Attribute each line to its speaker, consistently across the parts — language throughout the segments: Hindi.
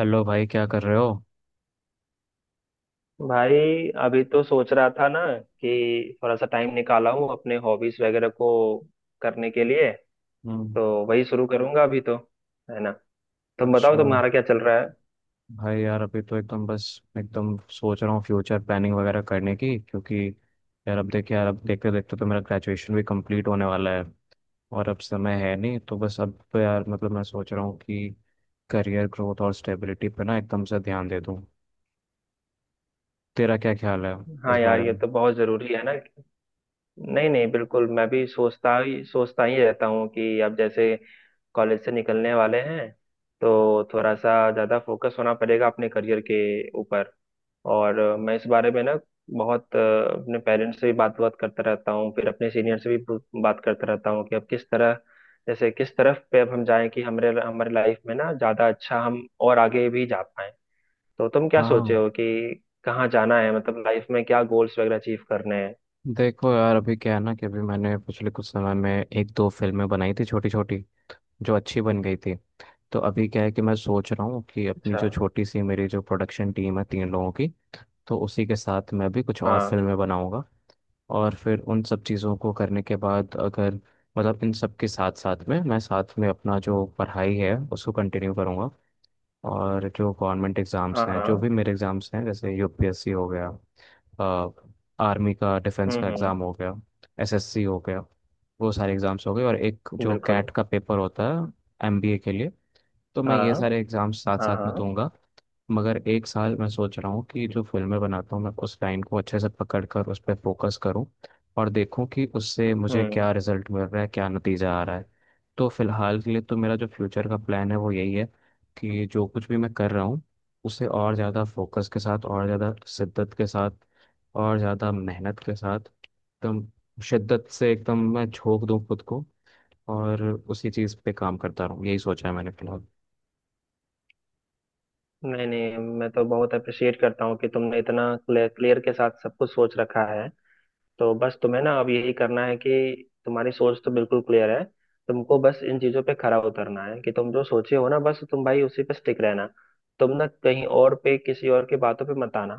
Speaker 1: हेलो भाई, क्या कर रहे हो?
Speaker 2: भाई अभी तो सोच रहा था ना कि थोड़ा सा टाइम निकाला हूँ अपने हॉबीज वगैरह को करने के लिए।
Speaker 1: हम्म।
Speaker 2: तो वही शुरू करूंगा अभी तो, है ना। तुम बताओ
Speaker 1: अच्छा।
Speaker 2: तुम्हारा क्या चल रहा है।
Speaker 1: भाई यार, अभी तो एकदम बस एकदम सोच रहा हूँ फ्यूचर प्लानिंग वगैरह करने की, क्योंकि यार अब देखिए, यार अब देखते देखते तो मेरा ग्रेजुएशन भी कंप्लीट होने वाला है, और अब समय है नहीं, तो बस अब तो यार मतलब मैं सोच रहा हूँ कि करियर ग्रोथ और स्टेबिलिटी पे ना एकदम से ध्यान दे दूँ। तेरा क्या ख्याल है इस
Speaker 2: हाँ यार,
Speaker 1: बारे
Speaker 2: ये
Speaker 1: में?
Speaker 2: तो बहुत जरूरी है ना। नहीं नहीं, बिल्कुल, मैं भी सोचता ही रहता हूँ कि अब जैसे कॉलेज से निकलने वाले हैं, तो थोड़ा सा ज्यादा फोकस होना पड़ेगा अपने करियर के ऊपर। और मैं इस बारे में ना बहुत अपने पेरेंट्स से भी बात बात करता रहता हूँ, फिर अपने सीनियर से भी बात करता रहता हूँ कि अब किस तरह, जैसे किस तरफ पे अब हम जाएं कि हमारे हमारे लाइफ में ना ज्यादा अच्छा हम और आगे भी जा पाएं। तो तुम क्या सोचे
Speaker 1: हाँ,
Speaker 2: हो कि कहाँ जाना है, मतलब लाइफ में क्या गोल्स वगैरह अचीव करने हैं।
Speaker 1: देखो यार, अभी क्या है ना, कि अभी मैंने पिछले कुछ समय में एक दो फिल्में बनाई थी, छोटी छोटी, जो अच्छी बन गई थी। तो अभी क्या है कि मैं सोच रहा हूँ कि अपनी
Speaker 2: अच्छा।
Speaker 1: जो छोटी सी मेरी जो प्रोडक्शन टीम है तीन लोगों की, तो उसी के साथ मैं भी कुछ और
Speaker 2: हाँ
Speaker 1: फिल्में बनाऊंगा। और फिर उन सब चीज़ों को करने के बाद अगर, मतलब इन सब के साथ साथ में, मैं साथ में अपना जो पढ़ाई है उसको कंटिन्यू करूँगा, और जो गवर्नमेंट
Speaker 2: हाँ
Speaker 1: एग्ज़ाम्स हैं जो
Speaker 2: हाँ।
Speaker 1: भी मेरे एग्ज़ाम्स हैं, जैसे यूपीएससी हो गया, आर्मी का डिफेंस का
Speaker 2: हम्म।
Speaker 1: एग्ज़ाम हो गया, एसएससी हो गया, वो सारे एग्ज़ाम्स हो गए, और एक जो
Speaker 2: बिल्कुल।
Speaker 1: कैट का पेपर होता है एमबीए के लिए, तो मैं ये
Speaker 2: हाँ
Speaker 1: सारे एग्जाम्स साथ
Speaker 2: हाँ
Speaker 1: साथ में
Speaker 2: हाँ।
Speaker 1: दूंगा। मगर एक साल मैं सोच रहा हूँ कि जो फिल्में बनाता हूँ मैं, उस लाइन को अच्छे से पकड़ कर उस पर फोकस करूँ, और देखूँ कि उससे मुझे क्या
Speaker 2: हम्म।
Speaker 1: रिजल्ट मिल रहा है, क्या नतीजा आ रहा है। तो फिलहाल के लिए तो मेरा जो फ्यूचर का प्लान है वो यही है, कि जो कुछ भी मैं कर रहा हूँ उसे और ज़्यादा फोकस के साथ, और ज़्यादा शिद्दत के साथ, और ज़्यादा मेहनत के साथ, एकदम शिद्दत से एकदम मैं झोंक दूँ खुद को, और उसी चीज़ पे काम करता रहूँ, यही सोचा है मैंने फिलहाल।
Speaker 2: नहीं नहीं, मैं तो बहुत अप्रिशिएट करता हूँ कि तुमने इतना क्लियर के साथ सब कुछ सोच रखा है। तो बस तुम्हें ना अब यही करना है कि तुम्हारी सोच तो बिल्कुल क्लियर है, तुमको बस इन चीजों पे खरा उतरना है कि तुम जो सोचे हो ना, बस तुम भाई उसी पे स्टिक रहना। तुम ना कहीं और पे किसी और की बातों पे मत आना,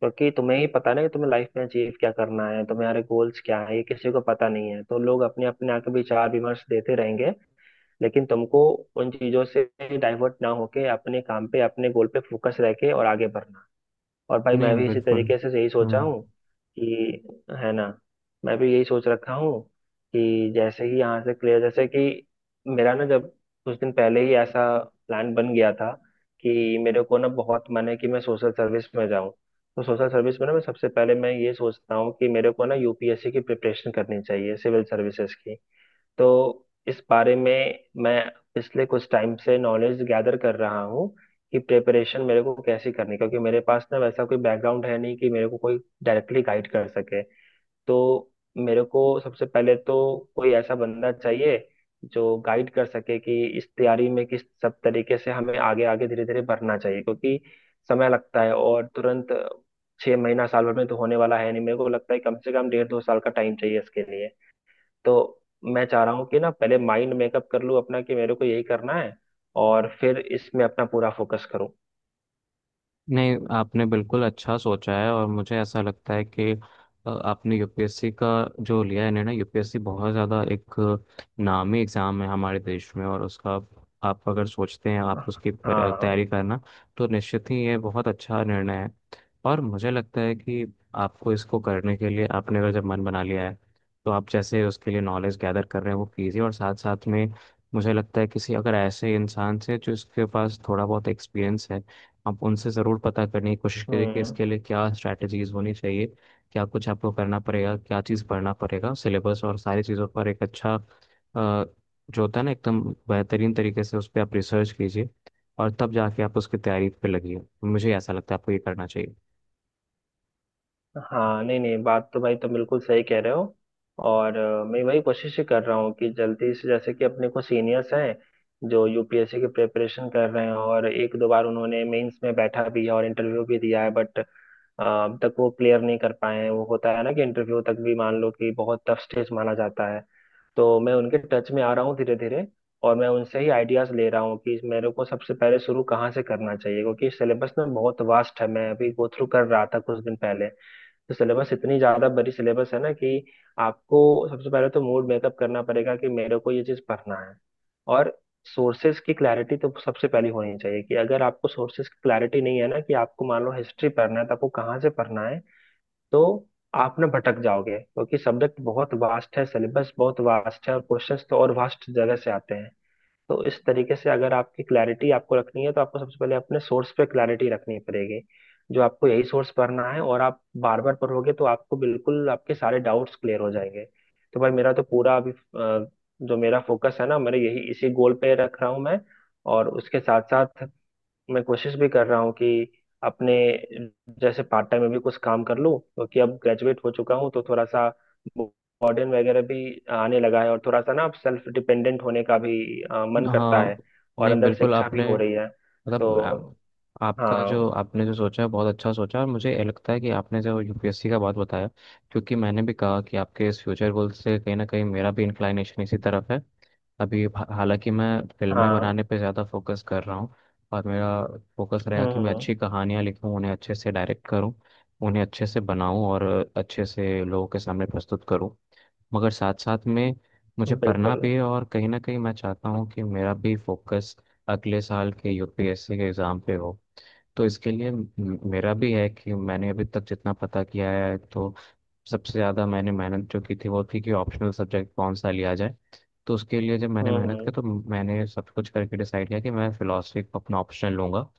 Speaker 2: क्योंकि तुम्हें ही पता ना कि तुम्हें लाइफ में अचीव क्या करना है, तुम्हारे गोल्स क्या है, ये किसी को पता नहीं है। तो लोग अपने अपने आके विचार विमर्श देते रहेंगे, लेकिन तुमको उन चीजों से डाइवर्ट ना होके अपने काम पे अपने गोल पे फोकस रह के और आगे बढ़ना। और भाई
Speaker 1: नहीं
Speaker 2: मैं भी इसी
Speaker 1: बिल्कुल।
Speaker 2: तरीके से यही सोचा
Speaker 1: हाँ।
Speaker 2: हूँ कि, है ना, मैं भी यही सोच रखा हूँ कि जैसे ही यहाँ से क्लियर, जैसे कि मेरा ना, जब कुछ दिन पहले ही ऐसा प्लान बन गया था कि मेरे को ना बहुत मन है कि मैं सोशल सर्विस में जाऊँ। तो सोशल सर्विस में ना, मैं सबसे पहले मैं ये सोचता हूँ कि मेरे को ना यूपीएससी की प्रिपरेशन करनी चाहिए, सिविल सर्विसेज की। तो इस बारे में मैं पिछले कुछ टाइम से नॉलेज गैदर कर रहा हूँ कि प्रिपरेशन मेरे को कैसे करनी है, क्योंकि मेरे पास ना वैसा कोई बैकग्राउंड है नहीं कि मेरे को कोई डायरेक्टली गाइड कर सके। तो मेरे को सबसे पहले तो कोई ऐसा बंदा चाहिए जो गाइड कर सके कि इस तैयारी में किस सब तरीके से हमें आगे आगे धीरे धीरे बढ़ना चाहिए, क्योंकि समय लगता है और तुरंत छह महीना साल भर में तो होने वाला है नहीं। मेरे को लगता है कम से कम डेढ़ दो साल का टाइम चाहिए इसके लिए। तो मैं चाह रहा हूँ कि ना पहले माइंड मेकअप कर लूँ अपना कि मेरे को यही करना है, और फिर इसमें अपना पूरा फोकस करूँ।
Speaker 1: नहीं आपने बिल्कुल अच्छा सोचा है, और मुझे ऐसा लगता है कि आपने यूपीएससी का जो लिया है निर्णय, यूपीएससी बहुत ज़्यादा एक नामी एग्ज़ाम है हमारे देश में, और उसका आप अगर सोचते हैं आप उसकी
Speaker 2: हाँ।
Speaker 1: तैयारी करना, तो निश्चित ही ये बहुत अच्छा निर्णय है। और मुझे लगता है कि आपको इसको करने के लिए, आपने अगर जब मन बना लिया है, तो आप जैसे उसके लिए नॉलेज गैदर कर रहे हैं वो कीजिए, और साथ साथ में मुझे लगता है किसी अगर ऐसे इंसान से जो इसके पास थोड़ा बहुत एक्सपीरियंस है, आप उनसे ज़रूर पता करने की कोशिश करिए कि
Speaker 2: हम्म।
Speaker 1: इसके लिए क्या स्ट्रैटेजीज होनी चाहिए, क्या कुछ आपको करना पड़ेगा, क्या चीज़ पढ़ना पड़ेगा, सिलेबस और सारी चीज़ों पर एक अच्छा जो होता है ना, एकदम बेहतरीन तरीके से उस पर आप रिसर्च कीजिए, और तब जाके आप उसकी तैयारी पे लगिए। मुझे ऐसा लगता है आपको ये करना चाहिए।
Speaker 2: हाँ नहीं नहीं, बात तो भाई तुम बिल्कुल सही कह रहे हो। और मैं वही कोशिश ही कर रहा हूँ कि जल्दी से, जैसे कि अपने को सीनियर्स हैं जो यूपीएससी की प्रिपरेशन कर रहे हैं और एक दो बार उन्होंने मेंस में बैठा भी है और इंटरव्यू भी दिया है, बट अब तक वो क्लियर नहीं कर पाए हैं। वो होता है ना कि इंटरव्यू तक भी मान लो कि बहुत टफ स्टेज माना जाता है। तो मैं उनके टच में आ रहा हूँ धीरे धीरे, और मैं उनसे ही आइडियाज ले रहा हूँ कि मेरे को सबसे पहले शुरू कहाँ से करना चाहिए, क्योंकि सिलेबस ना बहुत वास्ट है। मैं अभी गो थ्रू कर रहा था कुछ दिन पहले। तो सिलेबस इतनी ज्यादा बड़ी सिलेबस है ना कि आपको सबसे पहले तो मूड मेकअप करना पड़ेगा कि मेरे को ये चीज पढ़ना है। और सोर्सेज की क्लैरिटी तो सबसे पहली होनी चाहिए, कि अगर आपको सोर्सेज की क्लैरिटी नहीं है ना, कि आपको मान लो हिस्ट्री पढ़ना है तो आपको कहाँ से पढ़ना है, तो आप ना भटक जाओगे, क्योंकि सब्जेक्ट बहुत वास्ट है, सिलेबस बहुत वास्ट है, और क्वेश्चंस तो और वास्ट जगह से आते हैं। तो इस तरीके से अगर आपकी क्लैरिटी आपको रखनी है तो आपको सबसे पहले अपने सोर्स पे क्लैरिटी रखनी पड़ेगी, जो आपको यही सोर्स पढ़ना है और आप बार बार पढ़ोगे तो आपको बिल्कुल आपके सारे डाउट्स क्लियर हो जाएंगे। तो भाई मेरा तो पूरा अभी जो मेरा फोकस है ना, मेरे यही इसी गोल पे रख रहा हूँ मैं। और उसके साथ साथ मैं कोशिश भी कर रहा हूँ कि अपने जैसे पार्ट टाइम में भी कुछ काम कर लूँ, क्योंकि अब ग्रेजुएट हो चुका हूँ तो थोड़ा सा बर्डन वगैरह भी आने लगा है, और थोड़ा सा ना अब सेल्फ डिपेंडेंट होने का भी मन करता
Speaker 1: हाँ।
Speaker 2: है। और
Speaker 1: नहीं
Speaker 2: अंदर
Speaker 1: बिल्कुल।
Speaker 2: शिक्षा भी
Speaker 1: आपने,
Speaker 2: हो रही है
Speaker 1: मतलब
Speaker 2: तो।
Speaker 1: आपका
Speaker 2: हाँ
Speaker 1: जो आपने जो सोचा है बहुत अच्छा सोचा, और मुझे ये लगता है कि आपने जो यूपीएससी का बात बताया, क्योंकि मैंने भी कहा कि आपके इस फ्यूचर गोल से कहीं ना कहीं मेरा भी इंक्लाइनेशन इसी तरफ है। अभी हालांकि मैं फिल्में
Speaker 2: हाँ।
Speaker 1: बनाने पे ज़्यादा फोकस कर रहा हूँ, और मेरा फोकस रहेगा कि मैं
Speaker 2: हम्म।
Speaker 1: अच्छी कहानियाँ लिखूँ, उन्हें अच्छे से डायरेक्ट करूँ, उन्हें अच्छे से बनाऊँ, और अच्छे से लोगों के सामने प्रस्तुत करूँ। मगर साथ साथ में मुझे पढ़ना
Speaker 2: बिल्कुल।
Speaker 1: भी है, और कहीं ना कहीं मैं चाहता हूँ कि मेरा भी फोकस अगले साल के यूपीएससी के एग्ज़ाम पे हो। तो इसके लिए मेरा भी है कि मैंने अभी तक जितना पता किया है, तो सबसे ज़्यादा मैंने मेहनत जो की थी वो थी कि ऑप्शनल सब्जेक्ट कौन सा लिया जाए। तो उसके लिए जब मैंने मेहनत
Speaker 2: हम्म।
Speaker 1: की, तो मैंने सब कुछ करके डिसाइड किया कि मैं फ़िलासफ़ी को अपना ऑप्शनल लूँगा।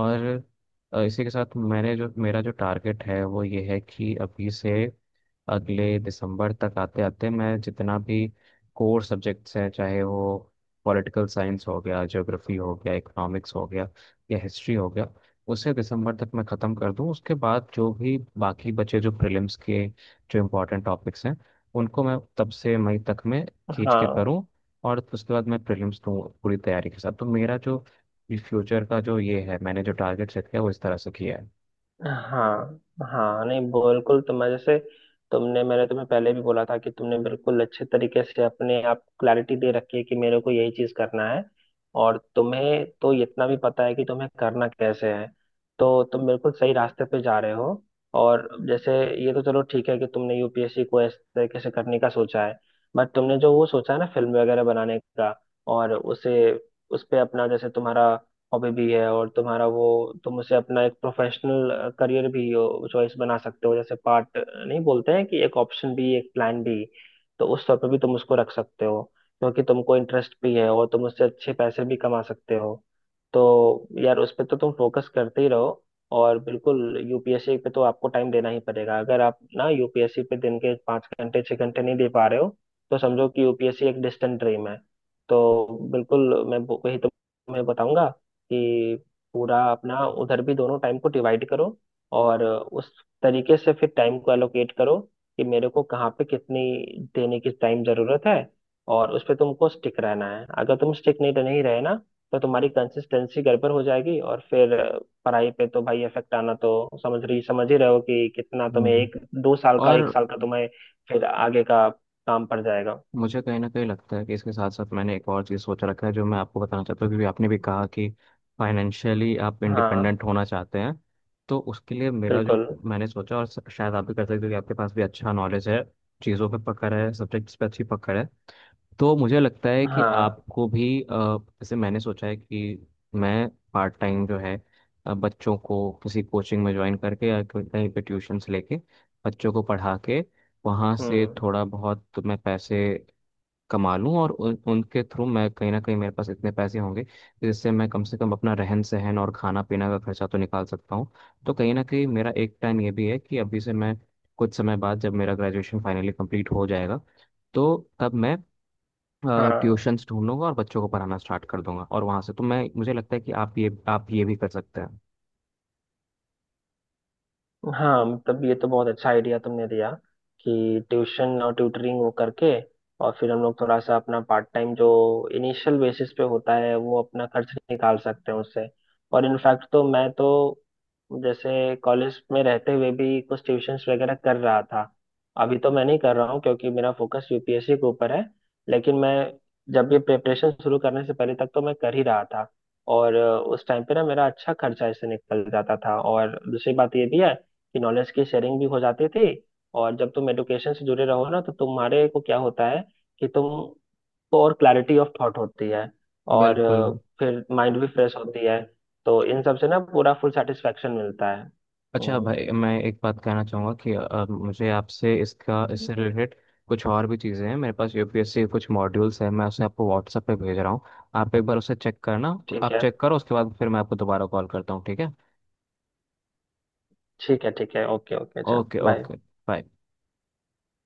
Speaker 1: और इसी के साथ मैंने जो मेरा जो टारगेट है वो ये है कि अभी से अगले दिसंबर तक आते आते मैं जितना भी कोर सब्जेक्ट्स हैं, चाहे वो पॉलिटिकल साइंस हो गया, ज्योग्राफी हो गया, इकोनॉमिक्स हो गया, या हिस्ट्री हो गया, उसे दिसंबर तक मैं ख़त्म कर दूं, उसके बाद जो भी बाकी बचे, जो प्रीलिम्स के जो इम्पोर्टेंट टॉपिक्स हैं, उनको मैं तब से मई तक में खींच के
Speaker 2: हाँ
Speaker 1: करूं, और उसके बाद मैं प्रीलिम्स दूं पूरी तैयारी के साथ। तो मेरा जो कि फ्यूचर का जो ये है, मैंने जो टारगेट सेट किया वो इस तरह से किया है।
Speaker 2: हाँ हाँ। नहीं बिल्कुल, तो मैं जैसे, तुमने मैंने तुम्हें पहले भी बोला था कि तुमने बिल्कुल अच्छे तरीके से अपने आप क्लैरिटी दे रखी है कि मेरे को यही चीज करना है। और तुम्हें तो इतना भी पता है कि तुम्हें करना कैसे है, तो तुम बिल्कुल सही रास्ते पे जा रहे हो। और जैसे, ये तो चलो ठीक है कि तुमने यूपीएससी को इस तरीके से करने का सोचा है, बट तुमने जो वो सोचा है ना फिल्म वगैरह बनाने का, और उसे, उस पे अपना, जैसे तुम्हारा हॉबी भी है और तुम्हारा वो, तुम उसे अपना एक प्रोफेशनल करियर भी चॉइस बना सकते हो, जैसे पार्ट नहीं बोलते हैं कि एक ऑप्शन भी एक प्लान भी। तो उस तौर पे भी तुम उसको रख सकते हो, क्योंकि तुमको इंटरेस्ट भी है और तुम उससे अच्छे पैसे भी कमा सकते हो। तो यार उस पर तो तुम फोकस करते ही रहो। और बिल्कुल यूपीएससी पे तो आपको टाइम देना ही पड़ेगा, अगर आप ना यूपीएससी पे दिन के पाँच घंटे छः घंटे नहीं दे पा रहे हो, तो समझो कि यूपीएससी एक डिस्टेंट ड्रीम है। तो बिल्कुल मैं वही तुम्हें बताऊंगा कि पूरा अपना उधर भी दोनों टाइम को डिवाइड करो, और उस तरीके से फिर टाइम को एलोकेट करो कि मेरे को कहाँ पे कितनी देने की टाइम जरूरत है। और उस पे तुमको स्टिक रहना है, अगर तुम स्टिक नहीं नहीं रहे ना, तो तुम्हारी कंसिस्टेंसी गड़बड़ हो जाएगी, और फिर पढ़ाई पे तो भाई इफेक्ट आना तो समझ रही समझ ही रहे हो कि कितना तुम्हें
Speaker 1: हम्म।
Speaker 2: एक दो साल का
Speaker 1: और
Speaker 2: एक साल का तुम्हें फिर आगे का काम पड़ जाएगा।
Speaker 1: मुझे कहीं ना कहीं लगता है कि इसके साथ साथ मैंने एक और चीज़ सोच रखा है जो मैं आपको बताना चाहता हूँ, क्योंकि आपने भी कहा कि फाइनेंशियली आप
Speaker 2: हाँ।
Speaker 1: इंडिपेंडेंट होना चाहते हैं। तो उसके लिए मेरा जो
Speaker 2: बिल्कुल।
Speaker 1: मैंने सोचा, और शायद आप भी कर सकते हो कि आपके पास भी अच्छा नॉलेज है, चीज़ों पे पकड़ है, सब्जेक्ट्स पे अच्छी पकड़ है, तो मुझे लगता है कि
Speaker 2: हाँ।
Speaker 1: आपको भी जैसे मैंने सोचा है कि मैं पार्ट टाइम जो है, बच्चों को किसी कोचिंग में ज्वाइन करके, या कहीं पे ट्यूशन्स लेके बच्चों को पढ़ा के वहाँ से
Speaker 2: हम्म।
Speaker 1: थोड़ा बहुत तो मैं पैसे कमा लूँ, और उनके थ्रू मैं कहीं ना कहीं मेरे पास इतने पैसे होंगे कि जिससे मैं कम से कम अपना रहन सहन और खाना पीना का खर्चा तो निकाल सकता हूँ। तो कहीं ना कहीं मेरा एक प्लान ये भी है कि अभी से मैं, कुछ समय बाद जब मेरा ग्रेजुएशन फाइनली कंप्लीट हो जाएगा, तो तब मैं
Speaker 2: हाँ
Speaker 1: ट्यूशंस ढूंढ लूंगा और बच्चों को पढ़ाना स्टार्ट कर दूंगा, और वहां से तो मैं, मुझे लगता है कि आप ये भी कर सकते हैं।
Speaker 2: हाँ, मतलब ये तो बहुत अच्छा आइडिया तुमने दिया कि ट्यूशन और ट्यूटरिंग वो करके, और फिर हम लोग थोड़ा सा अपना पार्ट टाइम जो इनिशियल बेसिस पे होता है वो अपना खर्च निकाल सकते हैं उससे। और इनफैक्ट तो मैं तो जैसे कॉलेज में रहते हुए भी कुछ ट्यूशंस वगैरह कर रहा था। अभी तो मैं नहीं कर रहा हूँ क्योंकि मेरा फोकस यूपीएससी के ऊपर है, लेकिन मैं जब ये प्रिपरेशन शुरू करने से पहले तक तो मैं कर ही रहा था। और उस टाइम पे ना मेरा अच्छा खर्चा इससे निकल जाता था, और दूसरी बात ये भी है कि नॉलेज की शेयरिंग भी हो जाती थी। और जब तुम एडुकेशन से जुड़े रहो ना, तो तुम्हारे को क्या होता है कि तुमको और क्लैरिटी ऑफ थॉट होती है, और
Speaker 1: बिल्कुल।
Speaker 2: फिर माइंड भी फ्रेश होती है। तो इन सब से ना पूरा फुल सेटिस्फेक्शन मिलता है।
Speaker 1: अच्छा भाई, मैं एक बात कहना चाहूँगा कि मुझे आपसे इसका इससे रिलेटेड कुछ और भी चीज़ें हैं, मेरे पास यूपीएससी के कुछ मॉड्यूल्स हैं, मैं उसे आपको व्हाट्सएप पे भेज रहा हूँ, आप एक बार उसे चेक करना, तो
Speaker 2: ठीक
Speaker 1: आप
Speaker 2: है
Speaker 1: चेक करो, उसके बाद फिर मैं आपको दोबारा कॉल करता हूँ, ठीक है?
Speaker 2: ठीक है। ठीक है। ओके ओके, चल
Speaker 1: ओके,
Speaker 2: बाय।
Speaker 1: ओके। बाय।